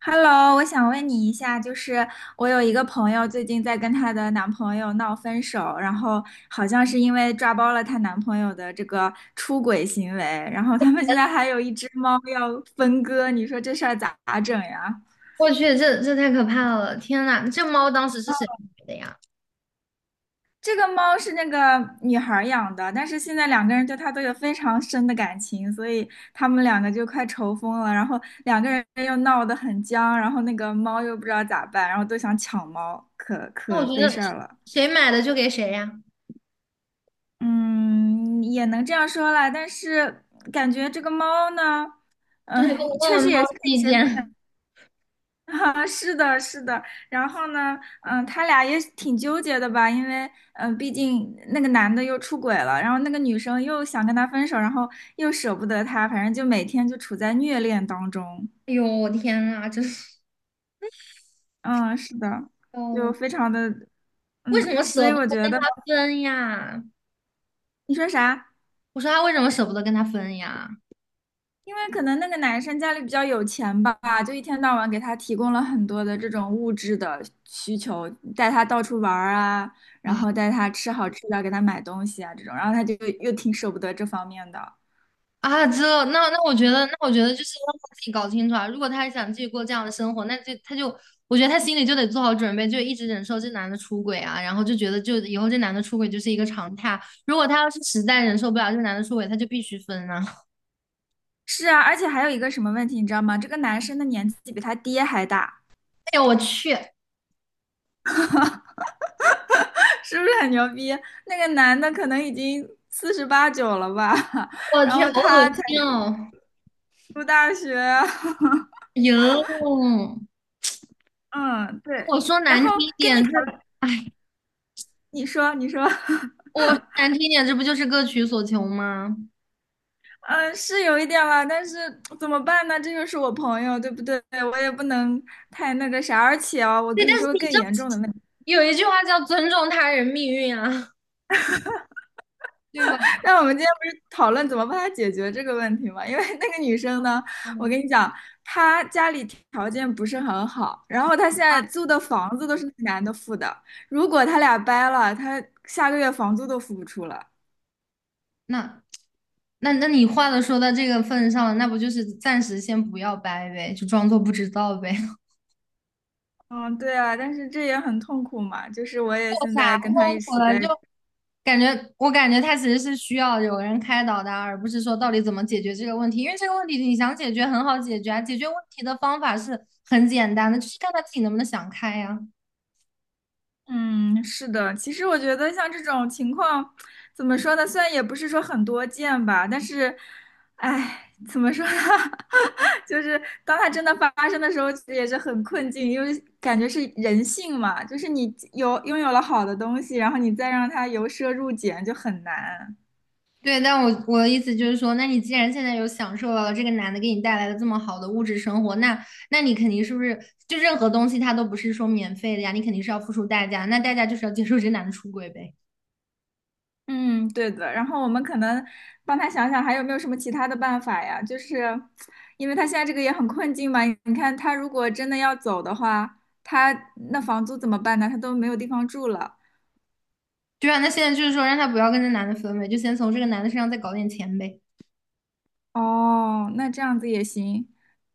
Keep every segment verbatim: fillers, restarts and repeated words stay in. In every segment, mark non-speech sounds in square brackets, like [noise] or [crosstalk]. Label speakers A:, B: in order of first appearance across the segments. A: Hello，我想问你一下，就是我有一个朋友最近在跟她的男朋友闹分手，然后好像是因为抓包了她男朋友的这个出轨行为，然后他们现在还有一只猫要分割，你说这事儿咋整呀？
B: 我去，这这太可怕了！天呐，这猫当时是谁买的呀？
A: 这个猫是那个女孩儿养的，但是现在两个人对她都有非常深的感情，所以他们两个就快愁疯了，然后两个人又闹得很僵，然后那个猫又不知道咋办，然后都想抢猫，可
B: 那我
A: 可
B: 觉
A: 费
B: 得
A: 事儿了。
B: 谁买的就给谁呀，
A: 嗯，也能这样说啦，但是感觉这个猫呢，
B: 就是跟我
A: 嗯、
B: 问
A: 确实
B: 问猫
A: 也
B: 的
A: 是挺
B: 意
A: 神。
B: 见。[laughs]
A: [laughs] 啊，是的，是的。然后呢，嗯、他俩也挺纠结的吧，因为嗯、呃毕竟那个男的又出轨了，然后那个女生又想跟他分手，然后又舍不得他，反正就每天就处在虐恋当中。
B: 哎呦，我天呐，真是
A: 嗯，是的，就
B: 哦，
A: 非常的，
B: 为
A: 嗯，
B: 什么
A: 所
B: 舍
A: 以
B: 不
A: 我
B: 得
A: 觉
B: 跟
A: 得。
B: 他分呀？
A: 你说啥？
B: 我说他为什么舍不得跟他分呀？
A: 因为可能那个男生家里比较有钱吧，就一天到晚给他提供了很多的这种物质的需求，带他到处玩儿啊，然后带他吃好吃的，给他买东西啊这种，然后他就又挺舍不得这方面的。
B: 啊，这那那我觉得，那我觉得就是让他自己搞清楚啊。如果他还想继续过这样的生活，那就他就，我觉得他心里就得做好准备，就一直忍受这男的出轨啊，然后就觉得就以后这男的出轨就是一个常态。如果他要是实在忍受不了这男的出轨，他就必须分啊。[laughs]
A: 是啊，而且还有一个什么问题，你知道吗？这个男生的年纪比他爹还大。
B: 哎呦，我去，
A: [laughs] 是不是很牛逼？那个男的可能已经四十八九了吧。[laughs]
B: 我
A: 然
B: 去，
A: 后
B: 好恶
A: 他才
B: 心哦！
A: 读大学。
B: 哟，
A: [laughs] 嗯，对，
B: 我说
A: 然
B: 难
A: 后
B: 听一
A: 跟你
B: 点，这，
A: 讨，
B: 哎，
A: 你说，你说。[laughs]
B: 我说难听一点，这不就是各取所求吗？
A: 嗯，是有一点了，但是怎么办呢？这就是我朋友，对不对？我也不能太那个啥。而且啊，我
B: 对，
A: 跟
B: 但
A: 你
B: 是
A: 说个
B: 你
A: 更
B: 知道
A: 严重的问题。
B: 有一句话叫尊重他人命运啊，对吧？
A: [laughs] 那我们今天不是讨论怎么帮他解决这个问题吗？因为那个女生呢，我
B: 嗯，
A: 跟你讲，她家里条件不是很好，然后她现在租的房子都是那男的付的。如果他俩掰了，她下个月房租都付不出了。
B: 那那那你话都说到这个份上了，那不就是暂时先不要掰呗，就装作不知道呗。
A: 嗯，对啊，但是这也很痛苦嘛。就是我
B: [laughs]
A: 也
B: 做
A: 现
B: 啥
A: 在
B: 痛
A: 跟他一
B: 苦
A: 起
B: 了
A: 在。
B: 就感觉，我感觉他其实是需要有人开导的啊，而不是说到底怎么解决这个问题，因为这个问题你想解决很好解决啊，解决问题的方法是很简单的，就是看他自己能不能想开呀、
A: 嗯，是的，其实我觉得像这种情况，怎么说呢？虽然也不是说很多见吧，但是，哎，怎么说呢？[laughs] 就是当它真的发生的时候，其实也是很困境，因为感觉是人性嘛，就是你有拥有了好的东西，然后你再让它由奢入俭就很难。
B: 对，但我我的意思就是说，那你既然现在有享受到了这个男的给你带来的这么好的物质生活，那那你肯定是不是就任何东西它都不是说免费的呀？你肯定是要付出代价，那代价就是要接受这男的出轨呗。
A: 嗯，对的。然后我们可能帮他想想还有没有什么其他的办法呀？就是因为他现在这个也很困境嘛。你看他如果真的要走的话，他那房租怎么办呢？他都没有地方住了。
B: 对啊，那现在就是说让他不要跟这男的分呗，就先从这个男的身上再搞点钱呗。
A: 哦，那这样子也行。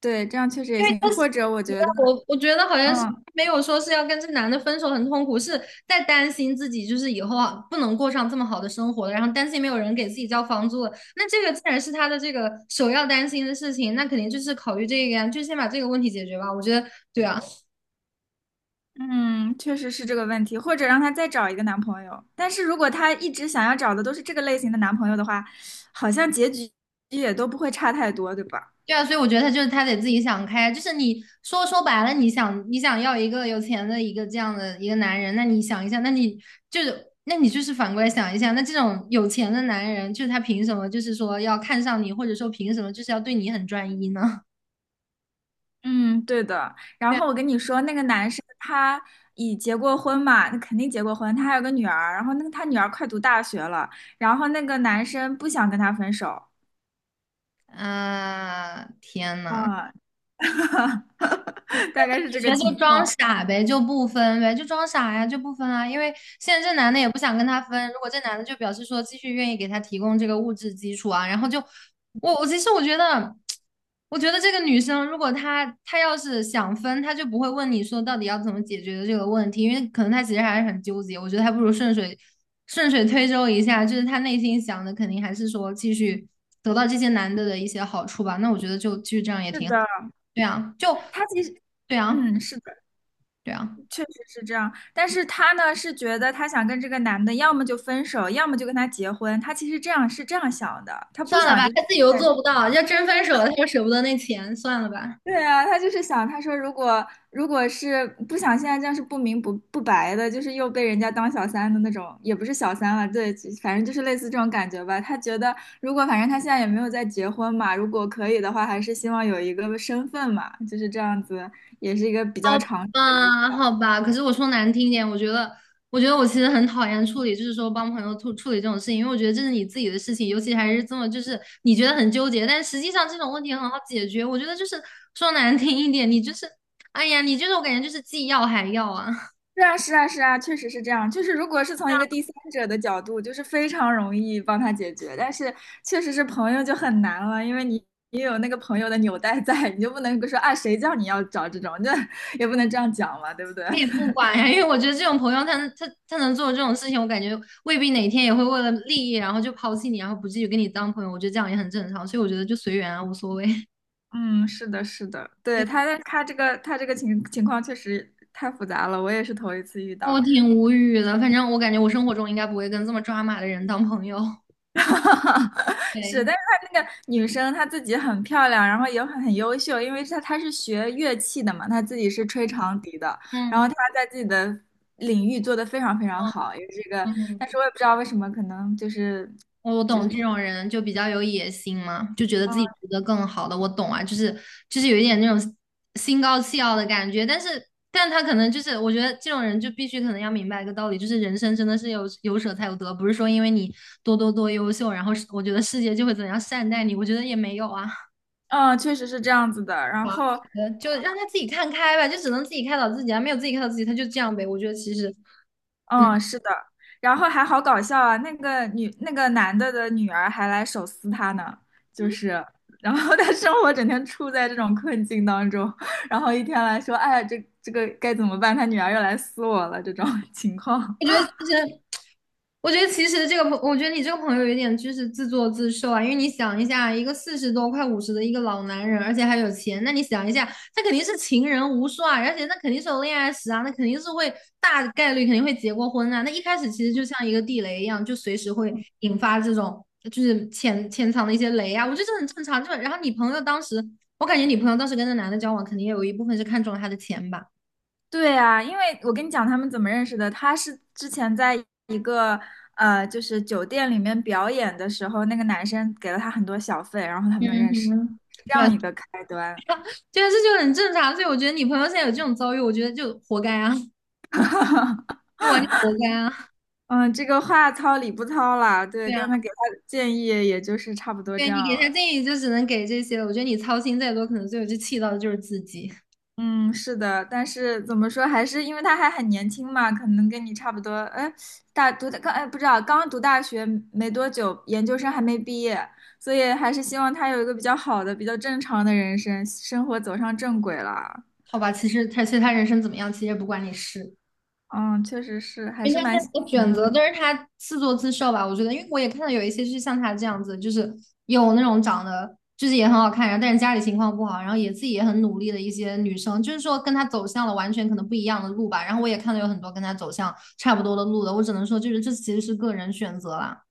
A: 对，这样确实也
B: 因为
A: 行。
B: 他是，
A: 或者我
B: 你知
A: 觉得，
B: 道我我觉得好像是
A: 嗯
B: 没有说是要跟这男的分手很痛苦，是在担心自己就是以后啊不能过上这么好的生活了，然后担心没有人给自己交房租了。那这个既然是他的这个首要担心的事情，那肯定就是考虑这个呀，就先把这个问题解决吧。我觉得对啊。
A: 嗯，确实是这个问题。或者让他再找一个男朋友。但是如果他一直想要找的都是这个类型的男朋友的话，好像结局也都不会差太多，对吧？
B: 对啊，所以我觉得他就是他得自己想开啊，就是你说说白了，你想你想要一个有钱的一个这样的一个男人，那你想一下，那你就是那你就是反过来想一下，那这种有钱的男人，就是他凭什么就是说要看上你，或者说凭什么就是要对你很专一呢？
A: 嗯，对的。然
B: 对啊，
A: 后我跟你说，那个男生他已结过婚嘛，那肯定结过婚，他还有个女儿。然后那个他女儿快读大学了，然后那个男生不想跟他分手。
B: 啊，天呐！
A: 啊，[laughs] 大概是这
B: 觉
A: 个
B: 得就
A: 情
B: 装
A: 况。
B: 傻呗，就不分呗，就装傻呀，就不分啊。因为现在这男的也不想跟他分，如果这男的就表示说继续愿意给他提供这个物质基础啊，然后就我我其实我觉得，我觉得这个女生如果她她要是想分，她就不会问你说到底要怎么解决的这个问题，因为可能她其实还是很纠结。我觉得还不如顺水顺水推舟一下，就是她内心想的肯定还是说继续得到这些男的的一些好处吧。那我觉得就继续这样也
A: 是
B: 挺好。
A: 的，
B: 对啊，就
A: 他其实，
B: 对啊。
A: 嗯，是的，
B: 对啊，
A: 确实是这样。但是他呢是觉得他想跟这个男的，要么就分手，要么就跟他结婚。他其实这样是这样想的，他不
B: 算了
A: 想
B: 吧，
A: 就是。
B: 他自己又做不到，要真分手了，他又舍不得那钱，算了吧。
A: 对啊，他就是想，他说如果如果是不想现在这样是不明不不白的，就是又被人家当小三的那种，也不是小三了，对，就反正就是类似这种感觉吧。他觉得如果反正他现在也没有在结婚嘛，如果可以的话，还是希望有一个身份嘛，就是这样子，也是一个比
B: 好
A: 较长久的依。
B: 吧，好吧。可是我说难听一点，我觉得，我觉得我其实很讨厌处理，就是说帮朋友处处理这种事情，因为我觉得这是你自己的事情，尤其还是这么就是你觉得很纠结，但实际上这种问题很好解决。我觉得就是说难听一点，你就是，哎呀，你就是我感觉就是既要还要啊。
A: 是啊，是啊，是啊，确实是这样。就是如果是从一个第三者的角度，就是非常容易帮他解决，但是确实是朋友就很难了，因为你你有那个朋友的纽带在，你就不能说啊谁叫你要找这种，这也不能这样讲嘛，对不对？[laughs]
B: 他也不管呀，因为我觉得这种朋友他能，他他能做这种事情，我感觉未必哪天也会为了利益，然后就抛弃你，然后不继续跟你当朋友。我觉得这样也很正常，所以我觉得就随缘啊，无所谓。[laughs]
A: 嗯，是的，是的，对，
B: 对，
A: 他他这个他这个情情况确实太复杂了，我也是头一次遇
B: 我
A: 到。
B: 挺无语的，反正我感觉我生活中应该不会跟这么抓马的人当朋友。[laughs]
A: [laughs] 是，
B: 对，
A: 但是她那个女生她自己很漂亮，然后也很很优秀，因为她她是学乐器的嘛，她自己是吹长笛的，然后
B: 嗯，
A: 她在自己的领域做的非常非常
B: 嗯，
A: 好，也是这个，
B: 嗯，
A: 但是我也不知道为什么，可能就是，
B: 我懂这种人就比较有野心嘛，就觉得自己值得更好的。我懂啊，就是就是有一点那种心高气傲的感觉，但是但他可能就是我觉得这种人就必须可能要明白一个道理，就是人生真的是有有舍才有得，不是说因为你多多多优秀，然后是我觉得世界就会怎样善待你，我觉得也没有啊。
A: 嗯，确实是这样子的。然
B: 哇，
A: 后
B: 呃就让他自己看开吧，就只能自己开导自己啊，没有自己开导自己，他就这样呗。我觉得其实，
A: 嗯，是的，然后还好搞笑啊，那个女那个男的的女儿还来手撕他呢，就是，然后 [laughs] 他生活整天处在这种困境当中，然后一天来说，哎，这这个该怎么办？他女儿又来撕我了，这种 [laughs] 情况。
B: 我觉得其实。我觉得其实这个朋，我觉得你这个朋友有点就是自作自受啊，因为你想一下，一个四十多快五十的一个老男人，而且还有钱，那你想一下，他肯定是情人无数啊，而且那肯定是有恋爱史啊，那肯定是会大概率肯定会结过婚啊，那一开始其实就像一个地雷一样，就随时会引发这种就是潜潜藏的一些雷啊，我觉得这很正常。就然后你朋友当时，我感觉你朋友当时跟那男的交往，肯定也有一部分是看中了他的钱吧。
A: 对啊，因为我跟你讲他们怎么认识的，他是之前在一个呃，就是酒店里面表演的时候，那个男生给了他很多小费，然后他们
B: 嗯
A: 认识，
B: 哼。
A: 是这
B: 对
A: 样
B: 啊，
A: 一个开端。
B: 对啊，这就很正常。所以我觉得你朋友现在有这种遭遇，我觉得就活该啊，就完全活该啊。[laughs]
A: 嗯，这个话糙理不糙啦，对，
B: 对啊，
A: 刚才给他的建议也就是差不多
B: 对
A: 这样
B: 你给他
A: 了。
B: 建议就只能给这些了。我觉得你操心再多，可能最后就气到的就是自己，
A: 嗯，是的，但是怎么说，还是因为他还很年轻嘛，可能跟你差不多。哎，大读的刚哎不知道，刚读大学没多久，研究生还没毕业，所以还是希望他有一个比较好的、比较正常的人生，生活走上正轨了。
B: 好吧？其实他其实他人生怎么样，其实也不关你事。
A: 嗯，确实是，还
B: 因为
A: 是
B: 他现
A: 蛮心
B: 在的
A: 疼
B: 选择
A: 的。
B: 都是他自作自受吧，我觉得，因为我也看到有一些就是像他这样子，就是有那种长得就是也很好看，然后但是家里情况不好，然后也自己也很努力的一些女生，就是说跟他走向了完全可能不一样的路吧。然后我也看到有很多跟他走向差不多的路的，我只能说就是这其实是个人选择啦。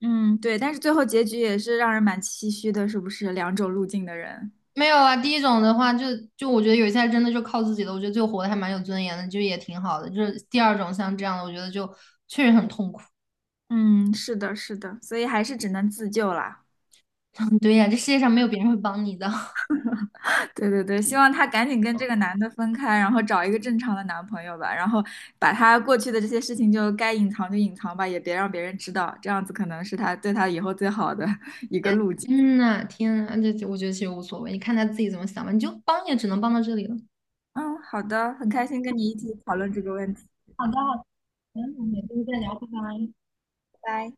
A: 嗯，对，但是最后结局也是让人蛮唏嘘的，是不是？两种路径的人。
B: 没有啊，第一种的话就就我觉得有一些真的就靠自己的，我觉得就活得还蛮有尊严的，就也挺好的。就是第二种像这样的，我觉得就确实很痛苦。
A: 嗯，是的，是的，所以还是只能自救啦。
B: [laughs] 对呀，这世界上没有别人会帮你的。
A: [laughs] 对对对，希望她赶紧跟这个男的分开，然后找一个正常的男朋友吧，然后把她过去的这些事情就该隐藏就隐藏吧，也别让别人知道，这样子可能是她对她以后最好的 [laughs] 一个
B: 天，
A: 路径。
B: 天呐，天呐，这这我觉得其实无所谓，你看他自己怎么想吧，你就帮也只能帮到这里了。
A: 嗯，好的，很开心跟你一起讨论这个问题，
B: 好的，没问题，们是天再聊
A: 拜拜。